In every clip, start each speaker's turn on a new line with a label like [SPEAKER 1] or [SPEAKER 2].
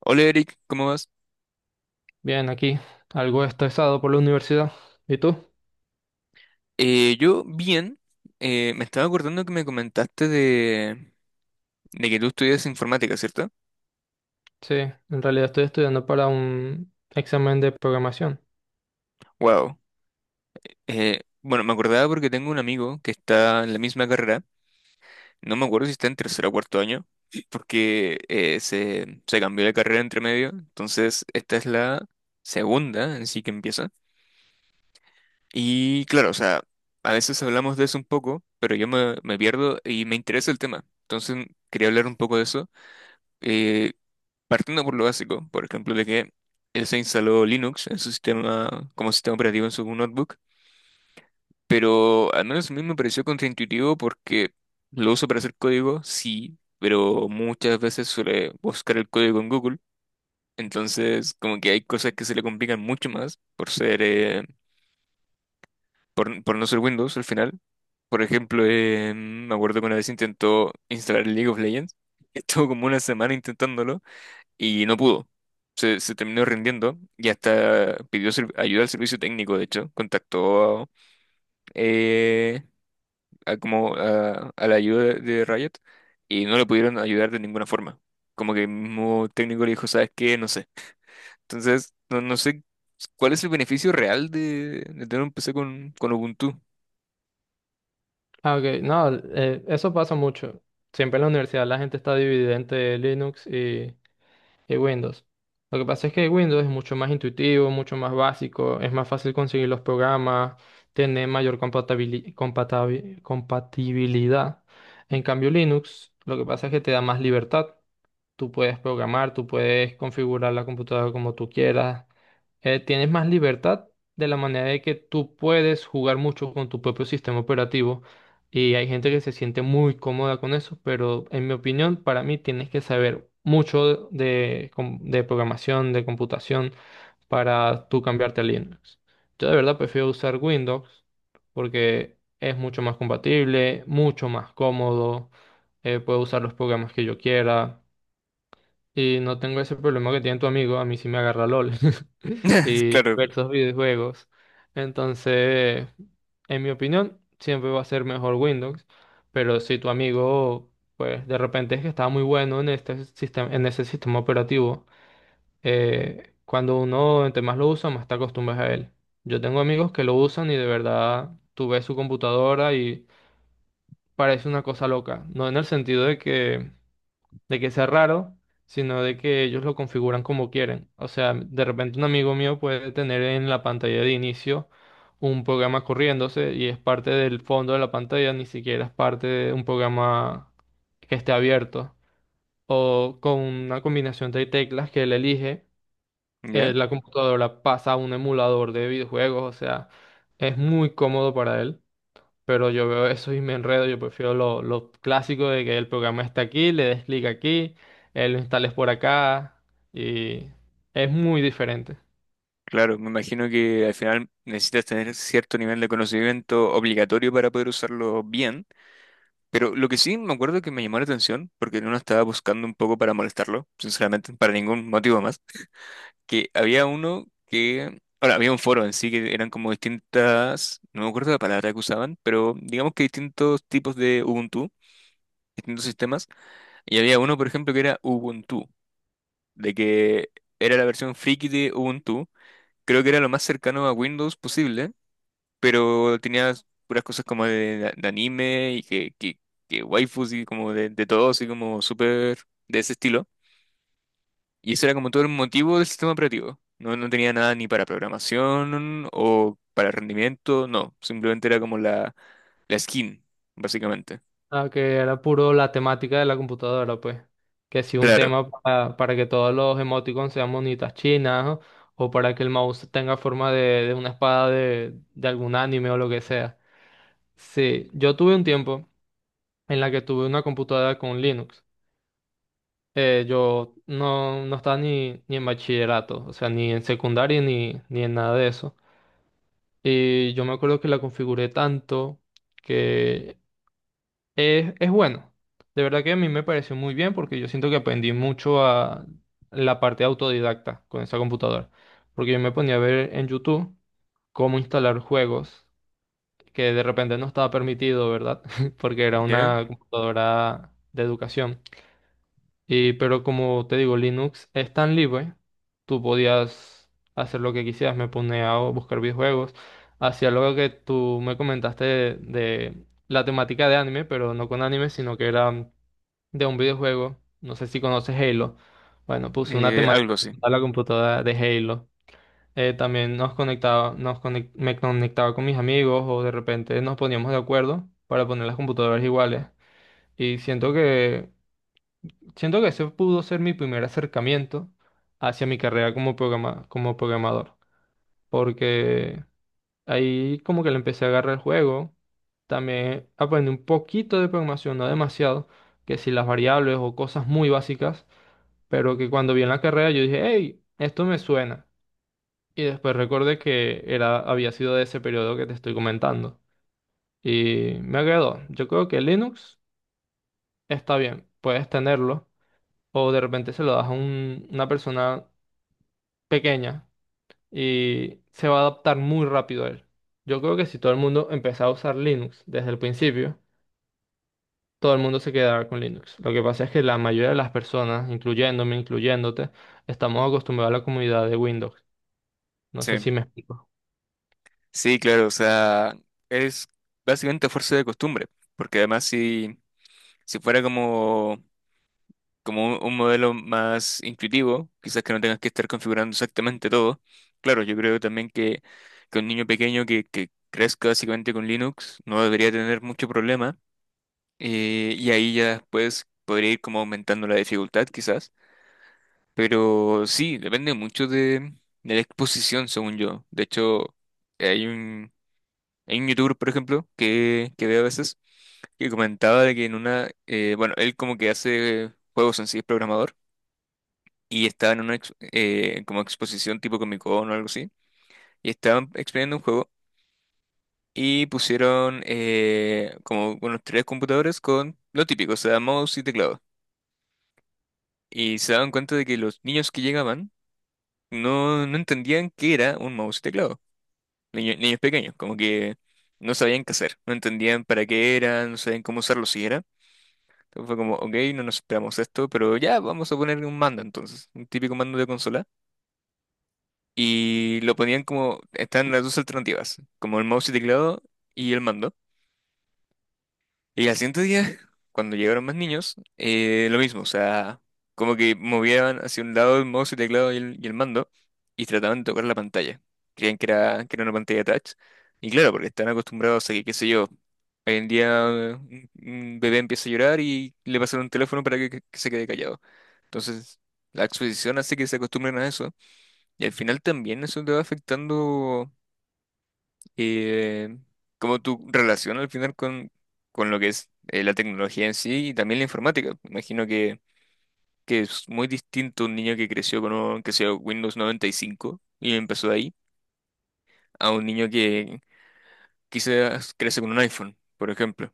[SPEAKER 1] Hola Eric, ¿cómo vas?
[SPEAKER 2] Bien, aquí algo estresado por la universidad. ¿Y tú?
[SPEAKER 1] Yo bien, me estaba acordando que me comentaste de que tú estudias informática, ¿cierto?
[SPEAKER 2] Sí, en realidad estoy estudiando para un examen de programación.
[SPEAKER 1] Wow. Bueno, me acordaba porque tengo un amigo que está en la misma carrera, no me acuerdo si está en tercer o cuarto año, porque se cambió de carrera entre medio, entonces esta es la segunda en sí que empieza. Y claro, o sea, a veces hablamos de eso un poco, pero yo me pierdo y me interesa el tema, entonces quería hablar un poco de eso. Eh, Partiendo por lo básico, por ejemplo, de que él se instaló Linux en su sistema, como sistema operativo en su notebook, pero al menos a mí me pareció contraintuitivo porque lo uso para hacer código, sí, pero muchas veces suele buscar el código en Google, entonces como que hay cosas que se le complican mucho más por ser, por no ser Windows al final. Por ejemplo, me acuerdo que una vez intentó instalar League of Legends, estuvo como una semana intentándolo y no pudo. Se terminó rindiendo y hasta pidió ayuda al servicio técnico, de hecho, contactó eh, a la ayuda de Riot y no le pudieron ayudar de ninguna forma. Como que el mismo técnico le dijo, ¿sabes qué? No sé. Entonces, no sé cuál es el beneficio real de tener un PC con Ubuntu.
[SPEAKER 2] Ah, ok, no, eso pasa mucho. Siempre en la universidad la gente está dividida entre Linux y Windows. Lo que pasa es que Windows es mucho más intuitivo, mucho más básico, es más fácil conseguir los programas, tiene mayor compatibilidad. En cambio, Linux, lo que pasa es que te da más libertad. Tú puedes programar, tú puedes configurar la computadora como tú quieras. Tienes más libertad de la manera de que tú puedes jugar mucho con tu propio sistema operativo, y hay gente que se siente muy cómoda con eso, pero en mi opinión, para mí tienes que saber mucho de programación, de computación para tú cambiarte a Linux. Yo de verdad prefiero usar Windows porque es mucho más compatible, mucho más cómodo, puedo usar los programas que yo quiera. Y no tengo ese problema que tiene tu amigo, a mí sí me agarra LOL y
[SPEAKER 1] Claro.
[SPEAKER 2] diversos videojuegos. Entonces, en mi opinión, siempre va a ser mejor Windows, pero si tu amigo, pues de repente es que está muy bueno en este sistema, en ese sistema operativo, cuando uno entre más lo usa, más te acostumbras a él. Yo tengo amigos que lo usan y de verdad tú ves su computadora y parece una cosa loca, no en el sentido de que sea raro, sino de que ellos lo configuran como quieren. O sea, de repente un amigo mío puede tener en la pantalla de inicio un programa corriéndose y es parte del fondo de la pantalla, ni siquiera es parte de un programa que esté abierto. O con una combinación de teclas que él elige,
[SPEAKER 1] ¿Ya?
[SPEAKER 2] la computadora pasa a un emulador de videojuegos, o sea, es muy cómodo para él, pero yo veo eso y me enredo. Yo prefiero lo clásico de que el programa está aquí, le des clic aquí, lo instales por acá y es muy diferente.
[SPEAKER 1] Claro, me imagino que al final necesitas tener cierto nivel de conocimiento obligatorio para poder usarlo bien. Pero lo que sí me acuerdo que me llamó la atención, porque uno estaba buscando un poco para molestarlo, sinceramente, para ningún motivo más, que había uno que, ahora, había un foro en sí que eran como distintas, no me acuerdo la palabra que usaban, pero digamos que distintos tipos de Ubuntu, distintos sistemas, y había uno, por ejemplo, que era Ubuntu, de que era la versión friki de Ubuntu, creo que era lo más cercano a Windows posible, pero tenía puras cosas como de anime y que waifus y como de todo, así como súper de ese estilo. Y eso era como todo el motivo del sistema operativo. No, no tenía nada ni para programación o para rendimiento, no. Simplemente era como la skin, básicamente.
[SPEAKER 2] Ah, que era puro la temática de la computadora, pues. Que si un
[SPEAKER 1] Claro.
[SPEAKER 2] tema para que todos los emoticons sean monitas chinas, ¿no? O para que el mouse tenga forma de una espada de algún anime o lo que sea. Sí, yo tuve un tiempo en la que tuve una computadora con Linux. Yo no, no estaba ni en bachillerato, o sea, ni en secundaria ni en nada de eso. Y yo me acuerdo que la configuré tanto que es bueno. De verdad que a mí me pareció muy bien porque yo siento que aprendí mucho a la parte autodidacta con esa computadora. Porque yo me ponía a ver en YouTube cómo instalar juegos que de repente no estaba permitido, ¿verdad? Porque era
[SPEAKER 1] ¿Ya?
[SPEAKER 2] una computadora de educación. Y, pero como te digo, Linux es tan libre, tú podías hacer lo que quisieras, me ponía a buscar videojuegos, hacía lo que tú me comentaste de la temática de anime, pero no con anime, sino que era de un videojuego, no sé si conoces Halo, bueno, puse una
[SPEAKER 1] Algo
[SPEAKER 2] temática
[SPEAKER 1] así.
[SPEAKER 2] a la computadora de Halo. También nos conectaba, me conectaba con mis amigos o de repente nos poníamos de acuerdo para poner las computadoras iguales y siento que... Siento que ese pudo ser mi primer acercamiento hacia mi carrera como programador, porque ahí como que le empecé a agarrar el juego, también aprendí un poquito de programación, no demasiado, que si las variables o cosas muy básicas, pero que cuando vi en la carrera yo dije, hey, esto me suena. Y después recordé que era, había sido de ese periodo que te estoy comentando. Y me agradó. Yo creo que Linux está bien, puedes tenerlo. O de repente se lo das a una persona pequeña y se va a adaptar muy rápido a él. Yo creo que si todo el mundo empezara a usar Linux desde el principio, todo el mundo se quedará con Linux. Lo que pasa es que la mayoría de las personas, incluyéndome, incluyéndote, estamos acostumbrados a la comunidad de Windows. No sé
[SPEAKER 1] Sí.
[SPEAKER 2] si me explico.
[SPEAKER 1] Sí, claro, o sea, es básicamente a fuerza de costumbre, porque además si fuera como un modelo más intuitivo, quizás que no tengas que estar configurando exactamente todo. Claro, yo creo también que un niño pequeño que crezca básicamente con Linux no debería tener mucho problema. Y ahí ya después podría ir como aumentando la dificultad quizás. Pero sí, depende mucho de la exposición, según yo. De hecho, hay un, hay un youtuber, por ejemplo, que veo a veces, que comentaba de que bueno, él como que hace juegos en sí, es programador y estaba en una como exposición tipo Comic Con o algo así, y estaban exponiendo un juego y pusieron como unos tres computadores con lo típico, o sea, mouse y teclado. Y se daban cuenta de que los niños que llegaban no entendían qué era un mouse y teclado. Niños pequeños, como que no sabían qué hacer, no entendían para qué era, no sabían cómo usarlo siquiera. Entonces fue como, ok, no nos esperamos esto, pero ya vamos a poner un mando entonces, un típico mando de consola. Y lo ponían como, están las dos alternativas, como el mouse y teclado y el mando. Y al siguiente día, cuando llegaron más niños, lo mismo, o sea, como que movían hacia un lado el mouse y teclado y el mando y trataban de tocar la pantalla. Creían que era una pantalla touch. Y claro, porque están acostumbrados a que, qué sé yo, hoy en día un bebé empieza a llorar y le pasan un teléfono para que se quede callado. Entonces, la exposición hace que se acostumbren a eso. Y al final también eso te va afectando eh, como tu relación al final con lo que es la tecnología en sí y también la informática. Imagino que es muy distinto un niño que creció que sea Windows 95 y cinco y empezó de ahí a un niño que quizás crece con un iPhone, por ejemplo.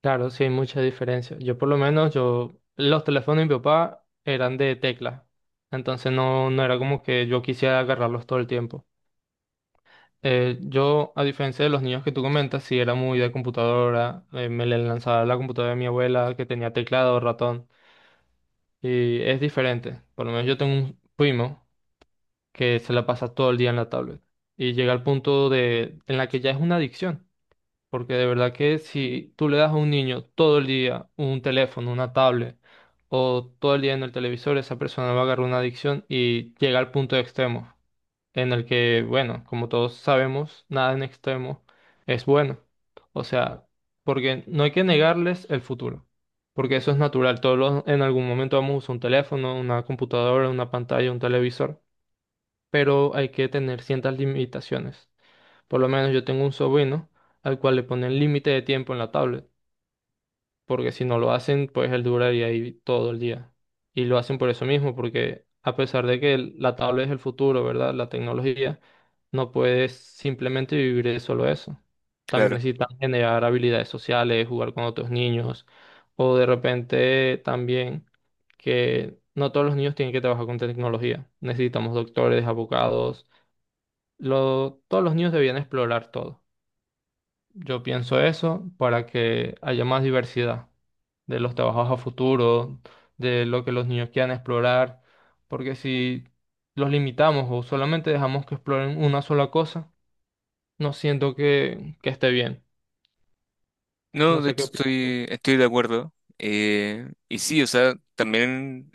[SPEAKER 2] Claro, sí hay mucha diferencia. Yo por lo menos, yo, los teléfonos de mi papá eran de tecla. Entonces no era como que yo quisiera agarrarlos todo el tiempo. Yo, a diferencia de los niños que tú comentas, sí era muy de computadora, me le lanzaba la computadora de mi abuela que tenía teclado, ratón, y es diferente. Por lo menos yo tengo un primo que se la pasa todo el día en la tablet y llega al punto de en la que ya es una adicción, porque de verdad que si tú le das a un niño todo el día un teléfono, una tablet o todo el día en el televisor, esa persona va a agarrar una adicción y llega al punto extremo en el que, bueno, como todos sabemos, nada en extremo es bueno. O sea, porque no hay que negarles el futuro, porque eso es natural. En algún momento vamos a usar un teléfono, una computadora, una pantalla, un televisor, pero hay que tener ciertas limitaciones. Por lo menos yo tengo un sobrino al cual le ponen límite de tiempo en la tablet porque si no lo hacen, pues él duraría ahí todo el día. Y lo hacen por eso mismo, porque a pesar de que la tablet es el futuro, ¿verdad? La tecnología, no puedes simplemente vivir de solo eso. También
[SPEAKER 1] Claro.
[SPEAKER 2] necesitan generar habilidades sociales, jugar con otros niños, o de repente también que no todos los niños tienen que trabajar con tecnología. Necesitamos doctores, abogados, todos los niños debían explorar todo. Yo pienso eso para que haya más diversidad de los trabajos a futuro, de lo que los niños quieran explorar, porque si los limitamos o solamente dejamos que exploren una sola cosa, no siento que esté bien.
[SPEAKER 1] No,
[SPEAKER 2] No
[SPEAKER 1] de
[SPEAKER 2] sé qué
[SPEAKER 1] hecho
[SPEAKER 2] opinas tú.
[SPEAKER 1] estoy de acuerdo. Y sí, o sea, también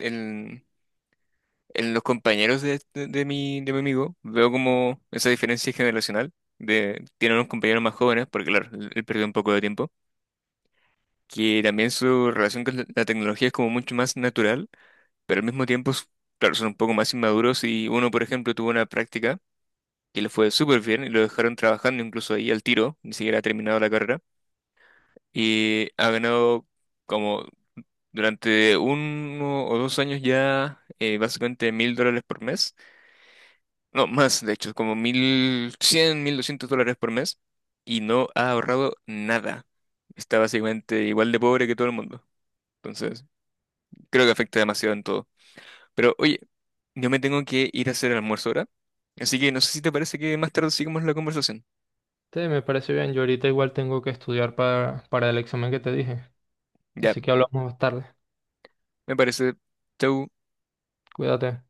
[SPEAKER 1] en los compañeros de mi amigo veo como esa diferencia generacional. Tiene unos compañeros más jóvenes, porque claro, él perdió un poco de tiempo, que también su relación con la tecnología es como mucho más natural, pero al mismo tiempo, claro, son un poco más inmaduros y uno, por ejemplo, tuvo una práctica que le fue súper bien y lo dejaron trabajando incluso ahí al tiro, ni siquiera ha terminado la carrera, y ha ganado como durante 1 o 2 años ya básicamente 1.000 dólares por mes. No, más, de hecho, como 1.100 1.200 dólares por mes y no ha ahorrado nada. Está básicamente igual de pobre que todo el mundo. Entonces, creo que afecta demasiado en todo. Pero oye, yo me tengo que ir a hacer el almuerzo ahora. Así que no sé si te parece que más tarde sigamos la conversación.
[SPEAKER 2] Sí, me parece bien. Yo ahorita igual tengo que estudiar para el examen que te dije,
[SPEAKER 1] Ya,
[SPEAKER 2] así que hablamos más tarde.
[SPEAKER 1] me parece. Chau.
[SPEAKER 2] Cuídate.